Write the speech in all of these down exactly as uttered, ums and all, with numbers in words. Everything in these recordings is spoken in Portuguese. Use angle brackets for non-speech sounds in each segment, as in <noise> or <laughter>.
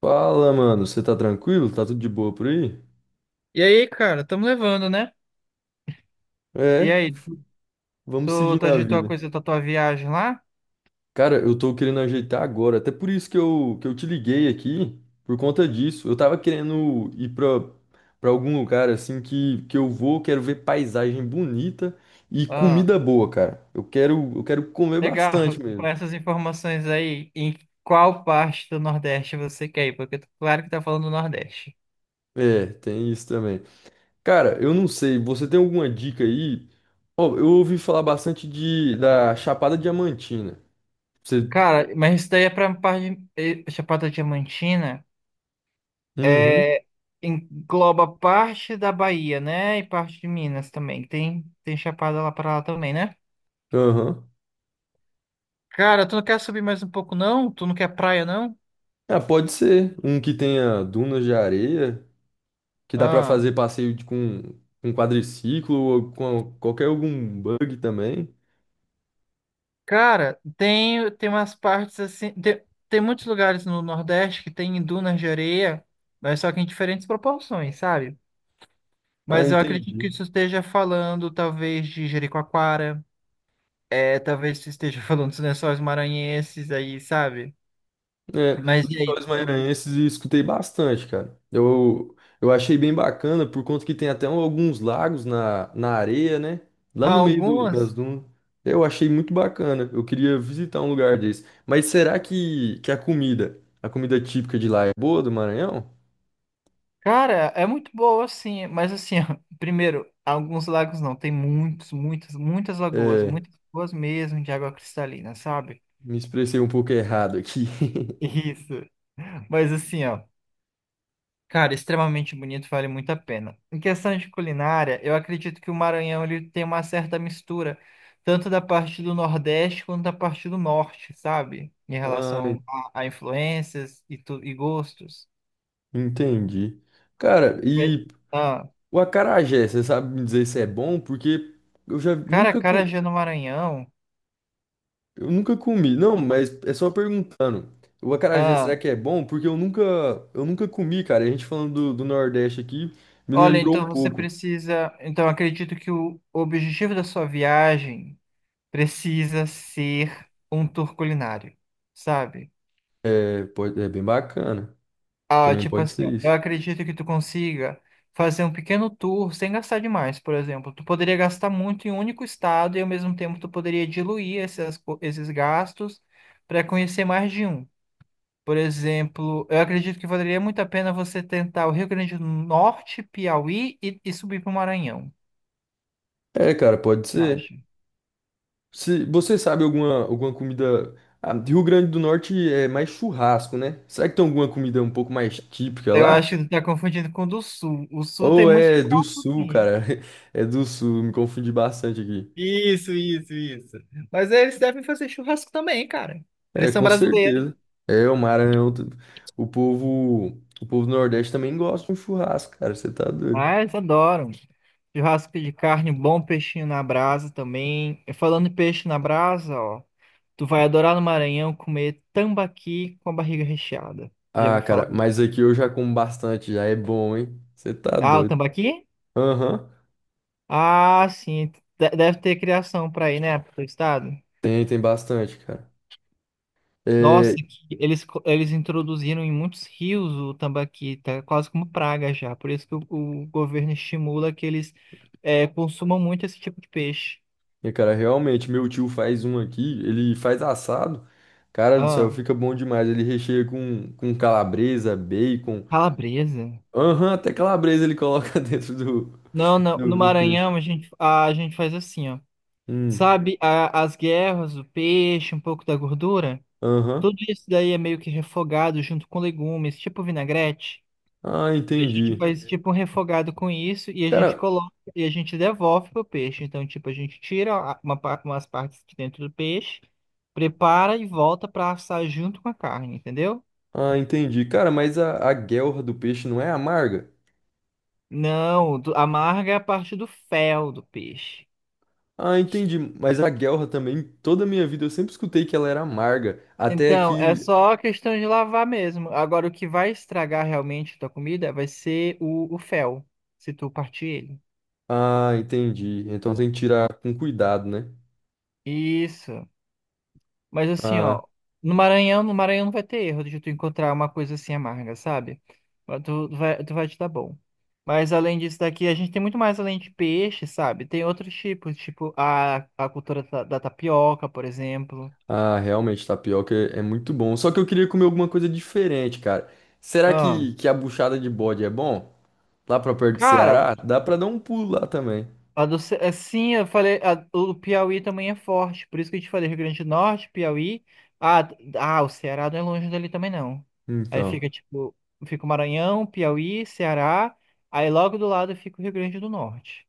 Fala, mano, você tá tranquilo? Tá tudo de boa por aí? E aí, cara, estamos levando, né? E É, aí, vamos tu, seguir tu na agitou a vida. coisa da tua viagem lá? Cara, eu tô querendo ajeitar agora, até por isso que eu, que eu te liguei aqui, por conta disso. Eu tava querendo ir pra, pra algum lugar assim que, que eu vou, quero ver paisagem bonita e Ah, comida boa, cara. Eu quero, eu quero comer legal. bastante <laughs> mesmo. Com essas informações aí, em qual parte do Nordeste você quer ir? Porque claro que tá falando do Nordeste. É, tem isso também. Cara, eu não sei, você tem alguma dica aí? Ó, eu ouvi falar bastante de, da Chapada Diamantina. Você. Cara, mas isso daí é pra parte de eh, Chapada Diamantina. Uhum. É, engloba parte da Bahia, né? E parte de Minas também. Tem, tem Chapada lá pra lá também, né? Aham. Cara, tu não quer subir mais um pouco, não? Tu não quer praia, não? Ah, pode ser um que tenha dunas de areia, que dá pra Ah. fazer passeio de- com, um quadriciclo ou com qualquer algum bug também. Cara, tem, tem umas partes assim. Tem, tem muitos lugares no Nordeste que tem dunas de areia, mas só que em diferentes proporções, sabe? Ah, Mas eu acredito que entendi. isso esteja falando, talvez, de Jericoacoara, é, talvez isso esteja <laughs> falando dos Lençóis Maranhenses aí, sabe? É, Mas e aí? Lençóis tu- Maranhenses eu escutei bastante, cara. Eu, eu achei bem bacana por conta que tem até um, alguns lagos na, na areia, né? Lá no meio do- das Algumas. dunas. Eu achei muito bacana. Eu queria visitar um lugar desse. Mas será que, que a comida, a comida típica de lá é boa do Maranhão? Cara, é muito boa, assim, mas assim, ó, <laughs> primeiro, alguns lagos não, tem muitos, muitas, muitas lagoas, É, muitas lagoas mesmo de água cristalina, sabe? me expressei um pouco errado aqui. <laughs> Isso. Mas assim, ó. Cara, extremamente bonito, vale muito a pena. Em questão de culinária, eu acredito que o Maranhão ele tem uma certa mistura, tanto da parte do Nordeste quanto da parte do Norte, sabe? Em Ah, relação a, a influências e, tu, e gostos. entendi. Cara, E- e Ah, o acarajé, você sabe me dizer se é bom? Porque eu já cara, nunca, co- acarajé no Maranhão. eu nunca comi. Não, mas é só perguntando. O acarajé, será Ah, que é bom? Porque eu nunca, eu nunca comi, cara. E a gente falando do, do Nordeste aqui, me olha, lembrou um então você pouco. precisa. Então, acredito que o objetivo da sua viagem precisa ser um tour culinário, sabe? É, pode, é bem bacana. Ah, Também tipo pode assim, ser eu isso. acredito que tu consiga fazer um pequeno tour sem gastar demais, por exemplo. Tu poderia gastar muito em um único estado e ao mesmo tempo tu poderia diluir essas, co- esses gastos para conhecer mais de um. Por exemplo, eu acredito que valeria muito a pena você tentar o Rio Grande do Norte, Piauí e, e subir para o Maranhão. É, cara, pode ser. Acho. Se você sabe alguma, alguma comida. Ah, de Rio Grande do Norte é mais churrasco, né? Será que tem alguma comida um pouco mais típica Eu acho lá? que tu tá confundindo com o do Sul. O Sul tem Ou muito é do churrasco, sul, sim. cara? <laughs> É do sul, me confundi bastante aqui. Isso, isso, isso. Mas eles devem fazer churrasco também, cara. É, Eles são com brasileiros. certeza. É, o Maranhão. T- O povo, o povo do Nordeste também gosta de um churrasco, cara. Você tá doido. Ah, eles adoram. Churrasco de carne, um bom peixinho na brasa também. E falando em peixe na brasa, ó, tu vai adorar no Maranhão comer tambaqui com a barriga recheada. Já Ah, ouviu falar? cara, mas aqui eu já como bastante, já é bom, hein? Você tá Ah, o doido. tambaqui? Aham. Ah, sim. De- Deve ter criação para aí, né, pro teu estado? Tem, tem bastante, cara. Nossa, É, que eles, co- eles introduziram em muitos rios o tambaqui, tá quase como praga já. Por isso que o, o governo estimula que eles eh, consumam muito esse tipo de peixe. e, cara, realmente, meu tio faz um aqui, ele faz assado. Cara do céu, Ah, fica bom demais. Ele recheia com, com calabresa, bacon. calabresa. Aham, até calabresa ele coloca <laughs> dentro do, Não, não. No do, do peixe. Maranhão a gente, a gente faz assim, ó. Hum, Sabe, a- as guerras, o peixe, um pouco da gordura? aham. Tudo isso daí é meio que refogado junto com legumes, tipo vinagrete. Ah, A gente entendi. faz tipo um refogado com isso e a Cara, gente coloca e a gente devolve pro peixe. Então, tipo, a gente tira a- uma, par- umas partes de dentro do peixe, prepara e volta para assar junto com a carne, entendeu? ah, entendi. Cara, mas a, a guelra do peixe não é amarga? Não, do- a amarga é a parte do fel do peixe. Ah, entendi. Mas a guelra também, toda a minha vida eu sempre escutei que ela era amarga. Até Então, é que. só questão de lavar mesmo. Agora, o que vai estragar realmente tua comida vai ser o, o fel, se tu partir ele. Ah, entendi. Então tem que tirar com cuidado, né? Isso. Mas assim, Ah. ó, no Maranhão, no Maranhão não vai ter erro de tu encontrar uma coisa assim amarga, sabe? Mas Tu vai, tu vai te dar bom. Mas além disso daqui, a gente tem muito mais além de peixe, sabe? Tem outros tipos, tipo a, a cultura da, da tapioca, por exemplo. Ah, realmente, tapioca é é muito bom. Só que eu queria comer alguma coisa diferente, cara. Será Ah, que, que a buchada de bode é bom? Lá pra perto do cara, Ceará? Dá pra dar um pulo lá também. A do, Ce- é, sim, eu falei, a- o Piauí também é forte, por isso que eu te falei, Rio Grande do Norte, Piauí. Ah, ah, o Ceará não é longe dali também não. Aí Então, fica tipo, fica o Maranhão, Piauí, Ceará, aí logo do lado fica o Rio Grande do Norte.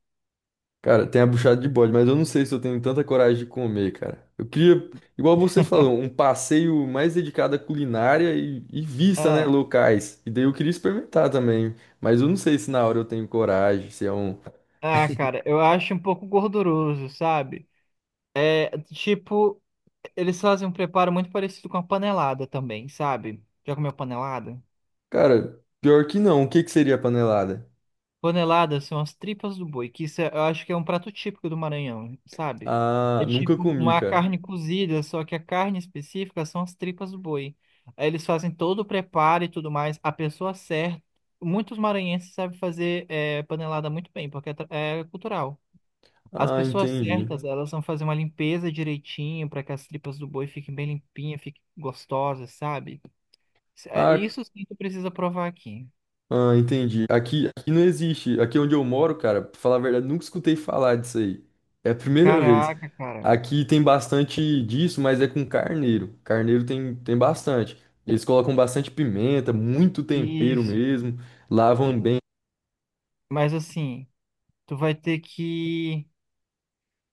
cara, tem a buchada de bode, mas eu não sei se eu tenho tanta coragem de comer, cara. Eu queria, igual você falou, um passeio mais dedicado à culinária e, e vista, né, Ah, locais. E daí eu queria experimentar também, mas eu não sei se na hora eu tenho coragem, se é um... ah, cara, eu acho um pouco gorduroso, sabe? É, tipo, eles fazem um preparo muito parecido com a panelada também, sabe? Já comeu panelada? Cara, pior que não. O que que seria a panelada? Paneladas são as tripas do boi, que isso é- eu acho que é um prato típico do Maranhão, sabe? Ah, É nunca tipo comi, uma cara. carne cozida, só que a carne específica são as tripas do boi. Aí eles fazem todo o preparo e tudo mais. A pessoa certa. Muitos maranhenses sabem fazer é, panelada muito bem, porque é, tra- é cultural. As Ah, pessoas entendi. certas, elas vão fazer uma limpeza direitinho para que as tripas do boi fiquem bem limpinhas, fiquem gostosas, sabe? Isso é- Ah, isso sim tu precisa provar aqui. ah, entendi. Aqui, aqui não existe. Aqui onde eu moro, cara, pra falar a verdade, nunca escutei falar disso aí. É a primeira vez. Caraca, cara. Aqui tem bastante disso, mas é com carneiro. Carneiro tem, tem bastante. Eles colocam bastante pimenta, muito tempero Isso. mesmo. Lavam bem. Mas assim, tu vai ter que,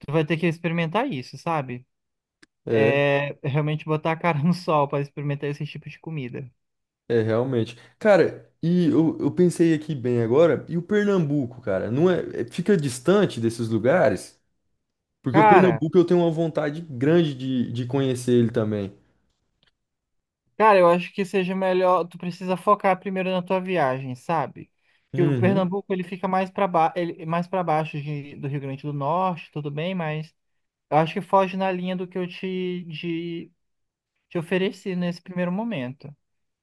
tu vai ter que experimentar isso, sabe? É, É é realmente botar a cara <laughs> no sol para experimentar esse tipo de comida. é realmente. Cara, e eu, eu pensei aqui bem agora, e o Pernambuco, cara, não é, é- fica distante desses lugares? Porque o Cara, Pernambuco eu tenho uma vontade grande de, de conhecer ele também. cara, eu acho que seja melhor, tu precisa focar primeiro na tua viagem, sabe? Que o Uhum. Pernambuco ele fica mais para ba... ele mais para baixo de- do Rio Grande do Norte, tudo bem, mas eu acho que foge na linha do que eu te de... te ofereci nesse primeiro momento,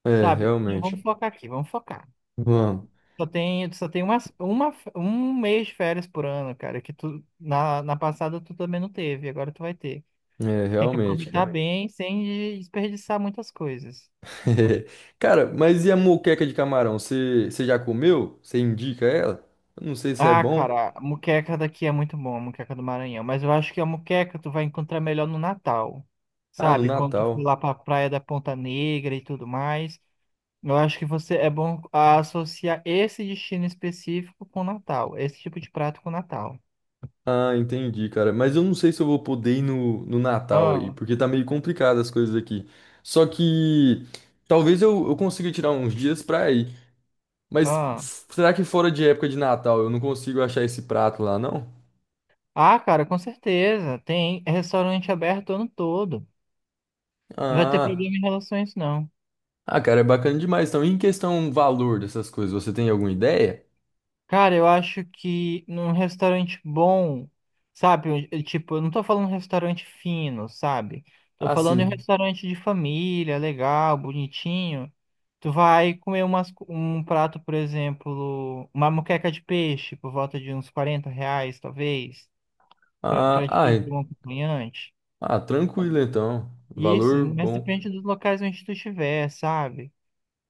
É, sabe? Então realmente. vamos focar aqui, vamos focar. Vamos. Só tem, só tem uma, uma, um mês de férias por ano, cara, que tu, na, na passada tu também não teve, agora tu vai ter. É, Tem que realmente, aproveitar cara. bem sem desperdiçar muitas coisas. <laughs> Cara, mas e a moqueca de camarão? Você você já comeu? Você indica ela? Eu não sei se é Ah, bom. cara, a moqueca daqui é muito bom, a moqueca do Maranhão, mas eu acho que a moqueca tu vai encontrar melhor no Natal, Ah, no sabe? Quando tu for Natal. lá pra Praia da Ponta Negra e tudo mais, eu acho que você é bom associar esse destino específico com o Natal, esse tipo de prato com o Natal. Ah, entendi, cara. Mas eu não sei se eu vou poder ir no, no Natal aí, Ah, porque tá meio complicado as coisas aqui. Só que talvez eu, eu consiga tirar uns dias pra ir. Mas ah. f- será que fora de época de Natal eu não consigo achar esse prato lá, não? Ah, cara, com certeza. Tem restaurante aberto o ano todo. Não vai ter Ah. problema em relação a isso, não. Ah, cara, é bacana demais. Então, em questão valor dessas coisas, você tem alguma ideia? Cara, eu acho que num restaurante bom, sabe? eu- eu, Tipo, eu não tô falando restaurante fino, sabe? Tô Ah, falando em um sim. restaurante de família, legal, bonitinho. Tu vai comer umas, co- um prato, por exemplo, uma moqueca de peixe por volta de uns quarenta reais, talvez, pra, Ah, pra ah, ti, pra é. um acompanhante. Ah, tranquilo então. Isso, Valor mas bom. depende dos locais onde tu estiver, sabe?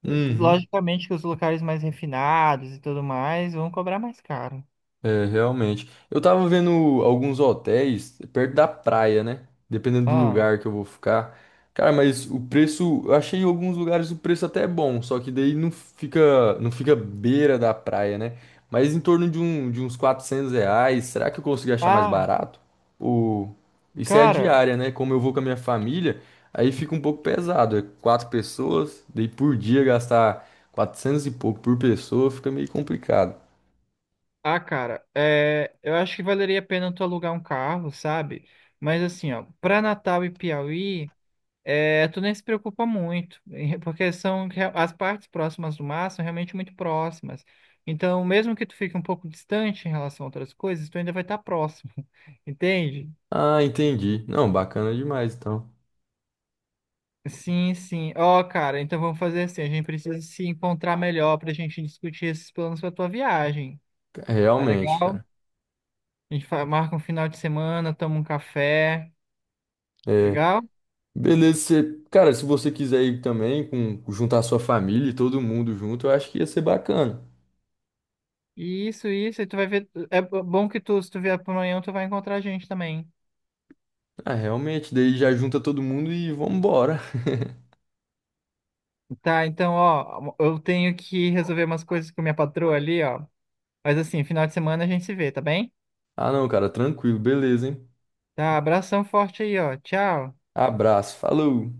Uhum. Logicamente que os locais mais refinados e tudo mais vão cobrar mais caro. É, realmente. Eu tava vendo alguns hotéis perto da praia, né? Dependendo do Ah, lugar que eu vou ficar. Cara, mas o preço, eu achei em alguns lugares o preço até bom, só que daí não fica, não fica beira da praia, né? Mas em torno de, um, de uns quatrocentos reais, será que eu consigo achar mais ah, barato? Ou... Isso é a cara, diária, né? Como eu vou com a minha família, aí fica um pouco pesado. É quatro pessoas, daí por dia gastar quatrocentos e pouco por pessoa fica meio complicado. ah, cara, é, eu acho que valeria a pena tu alugar um carro, sabe? Mas assim, ó, pra Natal e Piauí, é, tu nem se preocupa muito, <laughs> porque são rea- as partes próximas do mar são realmente muito próximas. Então, mesmo que tu fique um pouco distante em relação a outras coisas, tu ainda vai estar próximo, <laughs> entende? Ah, entendi. Não, bacana demais, então. Sim, sim. Ó, cara, então vamos fazer assim. A gente precisa se encontrar melhor pra gente discutir esses planos pra tua viagem. É, Tá realmente, legal? cara. A gente fa- marca um final de semana, toma um café. É, Legal? beleza, você- cara, se você quiser ir também, com, juntar sua família e todo mundo junto, eu acho que ia ser bacana. Isso, isso. E tu vai ver. É bo- bom que tu, se tu vier pro Maranhão, tu vai encontrar a gente também. Ah, realmente, daí já junta todo mundo e vambora. Tá, então, ó, eu tenho que resolver umas coisas com minha patroa ali, ó. Mas assim, final de semana a gente se vê, tá bem? Ah, não, cara, tranquilo, beleza, hein? Tá, abração forte aí, ó. Tchau. Abraço, falou!